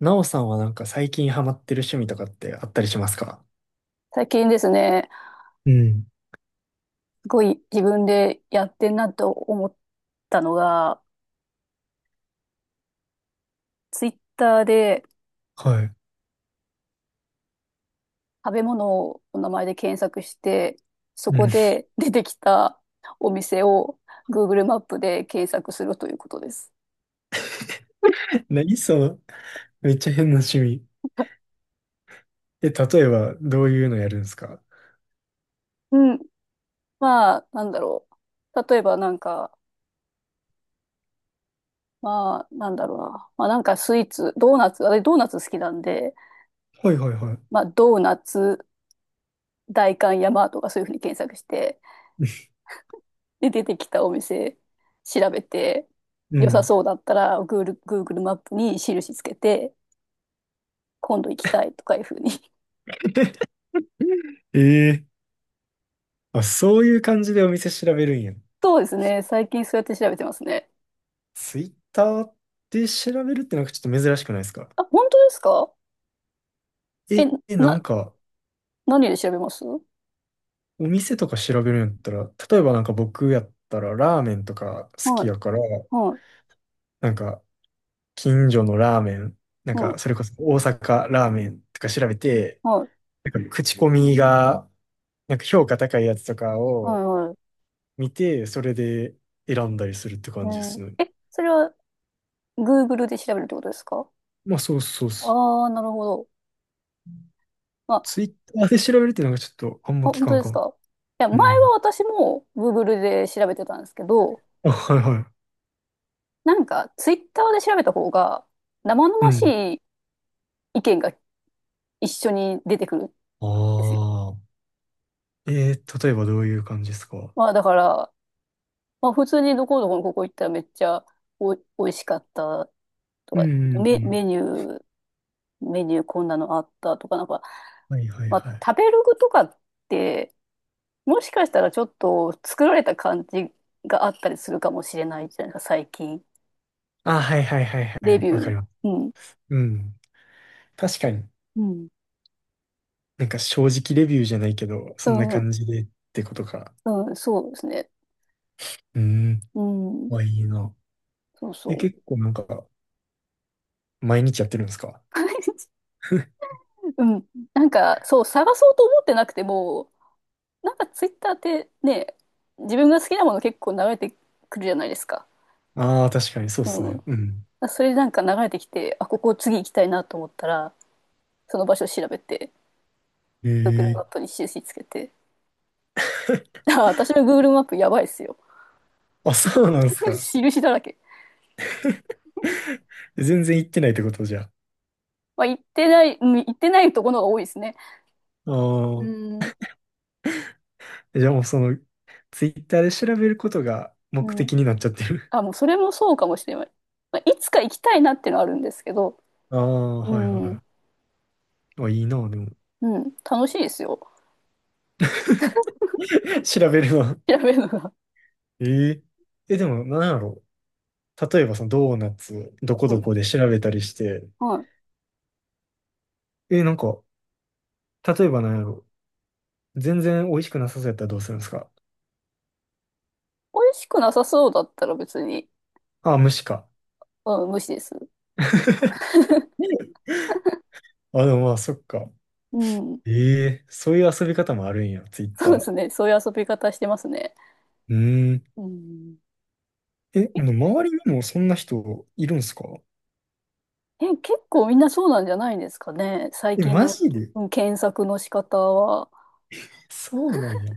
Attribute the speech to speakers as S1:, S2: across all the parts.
S1: なおさんはなんか最近ハマってる趣味とかってあったりしますか？
S2: 最近ですね、
S1: うん。
S2: すごい自分でやってんなと思ったのが、ツイッターで
S1: はい。
S2: 食べ物をお名前で検索して、そ
S1: う
S2: こ
S1: ん。
S2: で出てきたお店を Google マップで検索するということです。
S1: 何その、めっちゃ変な趣味。え、例えばどういうのやるんですか？
S2: うん。まあ、なんだろう。例えばなんか、まあ、なんだろうな。まあなんかスイーツ、ドーナツ、あれドーナツ好きなんで、
S1: はいはいはい。
S2: まあドーナツ、代官山とかそういうふうに検索して、で、出てきたお店調べて、
S1: う
S2: 良さ
S1: ん。
S2: そうだったら、Google マップに印つけて、今度行きたいとかいうふうに。
S1: ええあ、そういう感じでお店調べるんや。
S2: そうですね。最近そうやって調べてますね。
S1: ツイッターで調べるってなんかちょっと珍しくないですか？
S2: あ、本当ですか？え、
S1: なん
S2: な、
S1: か、
S2: 何で調べます？は
S1: お店とか調べるんやったら、例えばなんか僕やったらラーメンとか好き
S2: い、
S1: やから、
S2: はい、
S1: なんか近所のラーメン、なん
S2: うん、
S1: か、それこそ大阪ラーメンとか調べて、
S2: はい、
S1: なんか口コミが、なんか評価高いやつとか
S2: はい、
S1: を
S2: はい。
S1: 見て、それで選んだりするって
S2: え
S1: 感じで
S2: ー
S1: すね。
S2: え、それは Google で調べるってことですか？
S1: まあ、そうそうそう。
S2: ああー、なるほど。まあ、
S1: ツ
S2: あ、
S1: イッターで調べるっていうのがちょっとあんま聞
S2: 本
S1: か
S2: 当
S1: ん
S2: で
S1: か
S2: す
S1: も。
S2: か？いや、
S1: う
S2: 前は
S1: ん。
S2: 私も Google で調べてたんですけど、
S1: あ、はいはい。
S2: なんか、ツイッターで調べた方が、生
S1: う
S2: 々し
S1: ん。
S2: い意見が一緒に出てくるん
S1: あ
S2: ですよ。
S1: あ。例えばどういう感じですか？
S2: まあ、だから、まあ、普通にどこどこのここ行ったらめっちゃ美味しかったと
S1: うん
S2: か、
S1: うんう
S2: メ、メ
S1: ん。
S2: ニュー、メニューこんなのあったとか、なんか、
S1: はいはい
S2: まあ、
S1: はい。
S2: 食べログとかって、もしかしたらちょっと作られた感じがあったりするかもしれないじゃないですか、最近。
S1: あ、はいはいはいは
S2: レ
S1: い。
S2: ビュ
S1: わか
S2: ー。
S1: ります。
S2: うん。
S1: うん。確かに。
S2: うん。
S1: なんか正直レビューじゃないけど、
S2: う
S1: そんな
S2: ん。
S1: 感じでってことか。
S2: うん、そうですね。
S1: うーん、
S2: うん。
S1: まあいいな。
S2: そう
S1: え、
S2: そ
S1: 結
S2: う。
S1: 構なんか、毎日やってるんですか？
S2: うん。なんか、そう、探そうと思ってなくても、なんかツイッターってね、自分が好きなもの結構流れてくるじゃないですか。
S1: あ あー、確かにそうっす
S2: う
S1: ね。
S2: ん。
S1: うん。
S2: それでなんか流れてきて、あ、ここ次行きたいなと思ったら、その場所を調べて、
S1: え
S2: Google マッ
S1: え
S2: プに印つけて。あ、私の Google マップやばいっすよ。
S1: あ、そうなんですか。
S2: 印だらけ。
S1: 全然行ってないってことじゃ
S2: まあ、行ってないところが多いですね。
S1: あ？
S2: う
S1: あ
S2: ん。
S1: あ、じゃあもうその、ツイッターで調べることが
S2: う
S1: 目
S2: ん。
S1: 的になっちゃってる。
S2: あ、もうそれもそうかもしれない。まあ、いつか行きたいなっていうのはあるんですけど、
S1: ああ、
S2: う
S1: はい
S2: ん。
S1: はい。あ、いいな、でも。
S2: うん。楽しいですよ。
S1: 調べるの。
S2: 調べるのが。
S1: えええ、でも、なんやろう。例えば、そのドーナツ、どこ
S2: う
S1: ど
S2: ん。
S1: こで調べたりして、
S2: はい。
S1: え、なんか、例えばなんやろ。全然美味しくなさそうやったらどうするんですか？
S2: 美味しくなさそうだったら別に、
S1: あ、虫か。
S2: うん、無視です。
S1: あ、でもまあ、そっか。
S2: うん。
S1: えそういう遊び方もあるんや、ツイッ
S2: そ
S1: タ
S2: うです
S1: ー。
S2: ね。そういう遊び方してますね。
S1: うーん。
S2: うん。
S1: え、で
S2: え、
S1: も周りにもそんな人いるんすか？
S2: 結構みんなそうなんじゃないんですかね。最
S1: え、
S2: 近
S1: マ
S2: の、
S1: ジで？
S2: うん、検索の仕方は。
S1: そうなんや。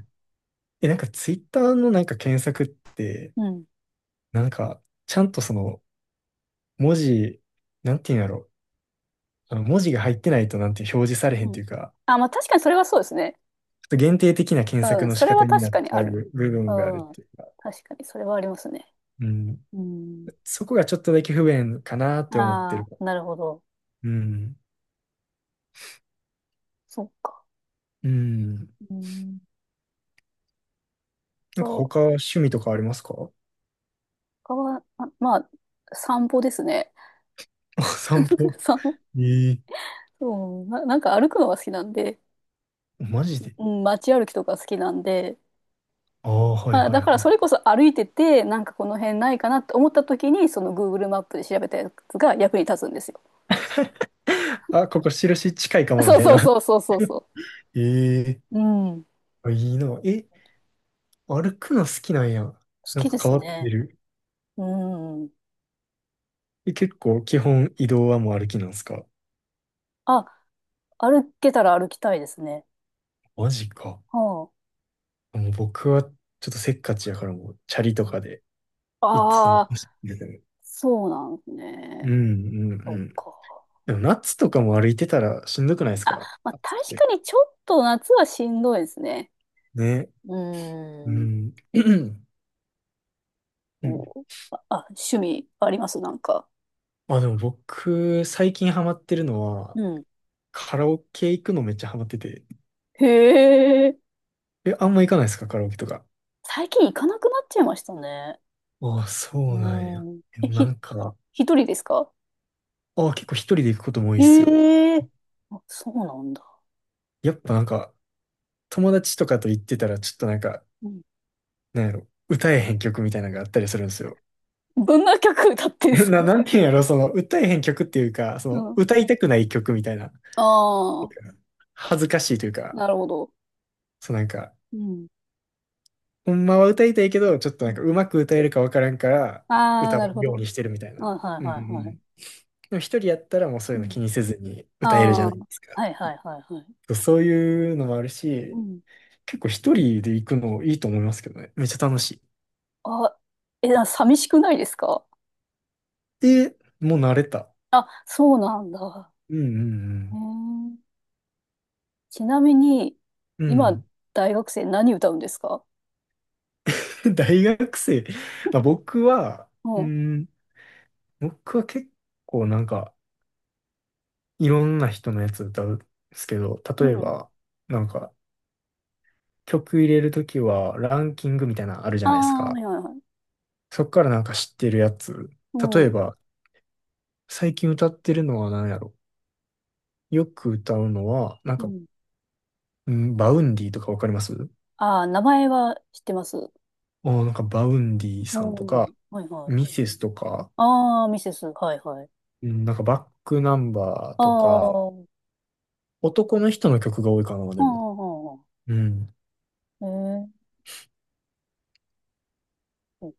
S1: え、なんかツイッターのなんか検索って、
S2: うん。
S1: なんか、ちゃんとその、文字、なんていうんやろ。あの文字が入ってないとなんて表示されへん
S2: う
S1: って
S2: ん。
S1: いうか、
S2: あ、まあ確かにそれはそうですね。
S1: ちょっと限定的な検索
S2: うん。
S1: の
S2: そ
S1: 仕
S2: れ
S1: 方
S2: は
S1: に
S2: 確
S1: なっ
S2: かに
S1: ち
S2: あ
S1: ゃ
S2: る。
S1: う部
S2: う
S1: 分があるっ
S2: ん。
S1: ていうか。
S2: 確かにそれはありますね。
S1: うん。
S2: うん。
S1: そこがちょっとだけ不便かなって思ってる。
S2: ああ、なるほど。
S1: うん。
S2: そっか。
S1: うん。
S2: うん。
S1: なんか
S2: そう。
S1: 他趣味とかありますか？
S2: 他は、あ、まあ、散歩ですね。
S1: あ、散歩。
S2: 散歩。
S1: ええ
S2: そう、なんか歩くのが好きなんで、
S1: マジで？
S2: うん、街歩きとか好きなんで、
S1: ああ、はい
S2: まあ、
S1: は
S2: だ
S1: い
S2: から
S1: はい。
S2: それこそ歩いてて、なんかこの辺ないかなって思った時に、その Google マップで調べたやつが役に立つんですよ。
S1: あ、ここ印近いか も、み
S2: そう
S1: たい
S2: そ
S1: な。
S2: うそう そうそうそ
S1: ええ
S2: う。うん。好
S1: あいいな。え、歩くの好きなんや。なん
S2: き
S1: か
S2: で
S1: 変
S2: す
S1: わっ
S2: ね。
S1: てる。
S2: うん。
S1: え、結構基本移動はもう歩きなんすか？
S2: あ、歩けたら歩きたいですね。
S1: マジか。
S2: は
S1: もう僕はちょっとせっかちやからもうチャリとかで
S2: あ。
S1: いつ
S2: あ
S1: も
S2: あ、
S1: 走ってる。
S2: そうなんです
S1: う
S2: ね。
S1: ん
S2: そ
S1: う
S2: っ
S1: ん。
S2: か。
S1: でも夏とかも歩いてたらしんどくないです
S2: あ、
S1: か、
S2: まあ
S1: 暑
S2: 確
S1: く
S2: か
S1: て。
S2: にちょっと夏はしんどいですね。
S1: ね。
S2: う
S1: う
S2: ん。
S1: ん。う
S2: お
S1: ん。
S2: あ、あ、趣味ありますなんか？
S1: あ、でも僕、最近ハマってるの
S2: う
S1: は、
S2: ん。
S1: カラオケ行くのめっちゃハマってて。
S2: へえ。
S1: え、あんま行かないですかカラオケとか。
S2: 最近行かなくなっちゃいましたね。
S1: ああ、そ
S2: う
S1: うなんや。
S2: ん。
S1: え
S2: え、
S1: なんか、
S2: 一人ですか？
S1: ああ、結構一人で行くことも多いっすよ。
S2: ええ。あ、そうなんだ。
S1: やっぱなんか、友達とかと行ってたら、ちょっとなんか、
S2: うん。
S1: なんやろ、歌えへん曲みたいなのがあったりするんですよ。
S2: どんな曲歌って んすか？
S1: なんていうんやろ、その、歌えへん曲っていうか、そ
S2: う
S1: の、
S2: ん。
S1: 歌いたくない曲みたいな。なんか
S2: ああ、
S1: 恥ずかしいというか、
S2: なるほど。
S1: そうなんか、
S2: うん。
S1: ほんまは歌いたいけど、ちょっと
S2: う
S1: なん
S2: ん。
S1: かうまく歌えるかわからんから、
S2: ああー、
S1: 歌
S2: な
S1: わ
S2: る
S1: ん
S2: ほ
S1: よう
S2: ど。
S1: にしてるみたい
S2: あ、
S1: な。
S2: はい
S1: うんう
S2: はいはい。
S1: ん。でも一人やったらもうそう
S2: う
S1: いうの
S2: ん。
S1: 気にせずに
S2: あ
S1: 歌えるじゃ
S2: あ、
S1: な
S2: は
S1: いですか。
S2: いはいはいはい。
S1: そうそういうのもある
S2: う
S1: し、
S2: ん。
S1: 結構一人で行くのいいと思いますけどね。めっちゃ楽しい。
S2: あ、え、寂しくないですか？
S1: で、もう慣れた。
S2: あ、そうなんだ。
S1: うんう
S2: へ
S1: ん
S2: え。ちなみに、
S1: うん。う
S2: 今、
S1: ん。
S2: 大学生何歌うんですか？
S1: 大学生。まあ、
S2: う
S1: う
S2: ん。
S1: ん、僕は結構なんか、いろんな人のやつ歌うんですけど、
S2: う
S1: 例え
S2: ん。
S1: ば、なんか、曲入れるときはランキングみたいなのあるじ
S2: あ
S1: ゃないです
S2: あ、は
S1: か。
S2: いはいはい。
S1: そっからなんか知ってるやつ。
S2: う
S1: 例え
S2: ん。
S1: ば、最近歌ってるのは何やろ。よく歌うのは、なん
S2: う
S1: か、
S2: ん。
S1: バウンディとかわかります？
S2: ああ、名前は知ってます。
S1: あーなんかバウンディ
S2: う
S1: さんと
S2: ん。
S1: か、
S2: はいは
S1: ミ
S2: い。
S1: セスとか、
S2: ああ、ミセス。はいはい。
S1: うんなんかバックナンバー
S2: あ
S1: とか、
S2: あ、うん
S1: 男の人の曲が多いかな、
S2: う
S1: でも。
S2: んうん
S1: うん。
S2: うん。えー。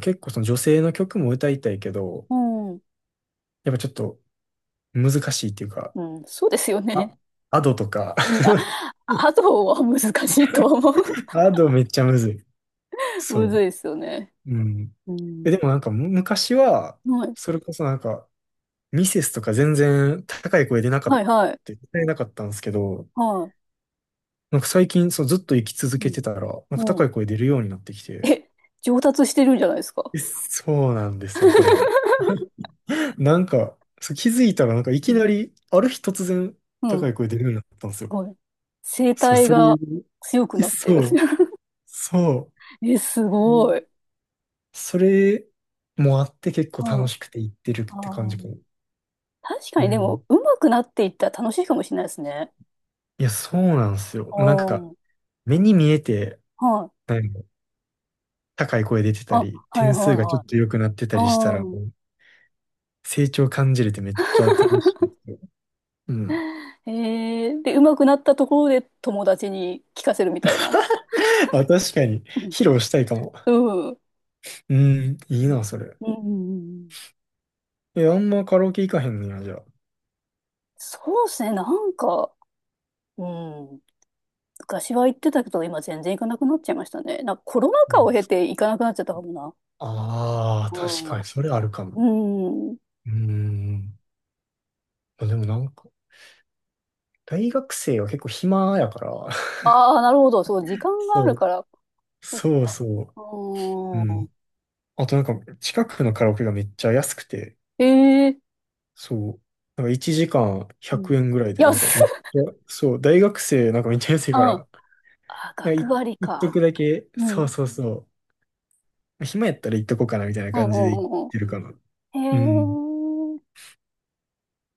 S1: 結構その女性の曲も歌いたいけど、
S2: うん。
S1: やっぱちょっと難しいっていうか、
S2: うん。そうですよ
S1: あ、
S2: ね。
S1: アドとか、
S2: うん。あ、あとは難しいと思う。
S1: アドめっちゃむずい。そ
S2: む
S1: う。
S2: ずいですよね。
S1: うん。
S2: う
S1: え、で
S2: ん。
S1: もなんか昔は、
S2: はい。
S1: それこそなんか、ミセスとか全然高い声出なかっ
S2: はいはい。
S1: た、歌えなかったんですけど、
S2: はい。
S1: なんか最近そうずっと生き続
S2: う
S1: け
S2: ん。
S1: てたら、なんか
S2: う
S1: 高
S2: ん。
S1: い声出るようになってきて、
S2: え、上達してるんじゃないですか？
S1: えそうなんですよ、これが。なんか、そう気づいたらなんかい
S2: う
S1: き
S2: ん、
S1: なり、ある日突然
S2: うん。
S1: 高い声出るようになったんです
S2: す
S1: よ。
S2: ごい。声
S1: そう、
S2: 帯
S1: それ、
S2: が強く
S1: え
S2: なってる。
S1: そう、そ
S2: え、す
S1: う。う
S2: ごい。
S1: ん、それもあって結構
S2: うん。
S1: 楽しくて行ってるって感
S2: あ
S1: じか
S2: ー、
S1: も。
S2: 確か
S1: う
S2: にでも、
S1: ん。
S2: 上手くなっていったら楽しいかもしれないですね。
S1: いや、そうなんですよ。
S2: う
S1: もうなん
S2: ん。
S1: か、
S2: はい。
S1: 目に見えて、なんか高い声出てた
S2: あ、
S1: り、
S2: はい
S1: 点
S2: は
S1: 数
S2: い
S1: がちょっ
S2: は
S1: と良くなってたりしたら、
S2: い。
S1: も
S2: うん。
S1: う、成長感じれてめっちゃ楽しいですよ。うん。
S2: で、上手くなったところで友達に聞かせるみたいな。
S1: あ、確かに、
S2: う
S1: 披露したいかも。
S2: ん。うん。
S1: うん、いいな、それ。
S2: うん。
S1: え、あんまカラオケ行かへんねや、じゃあ。
S2: そうですね、なんか、うん。昔は行ってたけど、今全然行かなくなっちゃいましたね。なんかコロナ禍を経
S1: う
S2: て行かなくなっちゃったかもな。
S1: ああー、
S2: う
S1: 確か
S2: ん。
S1: に、それあるかも。
S2: うん。
S1: うん。まあでもなんか、大学生は結構暇やから。
S2: ああ、なるほど。そう、時間がある
S1: そ
S2: か
S1: う、
S2: ら。
S1: そうそう。
S2: う
S1: うん。
S2: ん。
S1: あとなんか、近くのカラオケがめっちゃ安くて、
S2: ええ。
S1: そう。なんか1時間
S2: う
S1: 100
S2: ん。
S1: 円ぐらいで、な
S2: 安
S1: んかめっち
S2: っ。
S1: ゃ、そう、大学生なんかめっちゃ 安い
S2: う
S1: か
S2: ん。
S1: ら、
S2: あ、
S1: なんか
S2: 学割
S1: 一
S2: か。
S1: 徳だけ、
S2: うん。う
S1: そう
S2: ん
S1: そうそう。暇やったら行っとこうかなみたいな
S2: うん
S1: 感じで行っ
S2: うんう
S1: てるかな。うん。
S2: ん。へえ。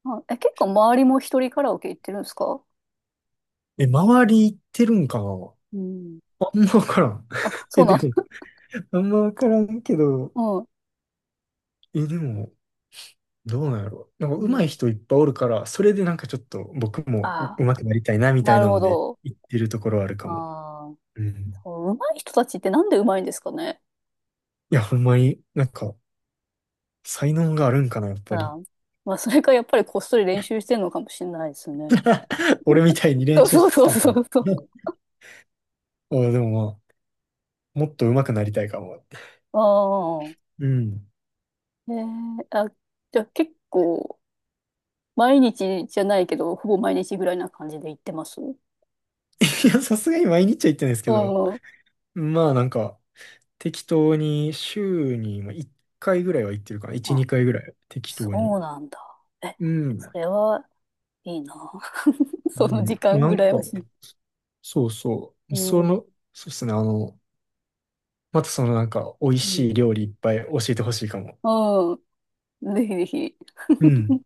S2: あ、え、結構周りも一人カラオケ行ってるんですか？
S1: え、周り行ってるんかな？
S2: うん。
S1: あんまわからん。
S2: あ、そ
S1: え、
S2: うな
S1: で
S2: んだ。
S1: も、あんまわからんけど、
S2: うん。
S1: え、でも、どうなんやろなんか
S2: う
S1: 上手い
S2: ん。
S1: 人いっぱいおるから、それでなんかちょっと僕
S2: あ
S1: も
S2: あ、
S1: 上手くなりたいなみた
S2: な
S1: い
S2: る
S1: な
S2: ほ
S1: ので
S2: ど。
S1: 行ってるところはあるかも。
S2: ああ、
S1: うん。
S2: そう、上手い人たちってなんで上手いんですかね。
S1: いや、ほんまに、なんか、才能があるんかな、やっ
S2: う
S1: ぱり。
S2: ん。まあ、それかやっぱりこっそり練習してるのかもしれないですね。
S1: 俺みたいに
S2: そ
S1: 練
S2: う
S1: 習
S2: そう
S1: して
S2: そう
S1: たも
S2: そ
S1: ん。
S2: うそう。
S1: あでもまあ、もっと上手くなりたいかもって。
S2: ああ。
S1: うん。
S2: あ、じゃあ結構、毎日じゃないけど、ほぼ毎日ぐらいな感じで行ってます？う
S1: いや、さすがに毎日は行ってないですけど、
S2: ん。
S1: まあなんか、適当に週にまあ1回ぐらいは行ってるかな。1、
S2: あ、
S1: 2回ぐらい。適当に。
S2: そうなんだ。え、
S1: うん。
S2: それはいいな。
S1: う
S2: その
S1: ん。
S2: 時間
S1: なん
S2: 羨
S1: か、
S2: ましい。
S1: そうそ
S2: う
S1: う。そ
S2: ん。う
S1: の、そうですね。あの、またそのなんか、美味しい
S2: ん。
S1: 料理いっぱい教えてほしいかも。
S2: うん。ぜひぜひ。
S1: うん。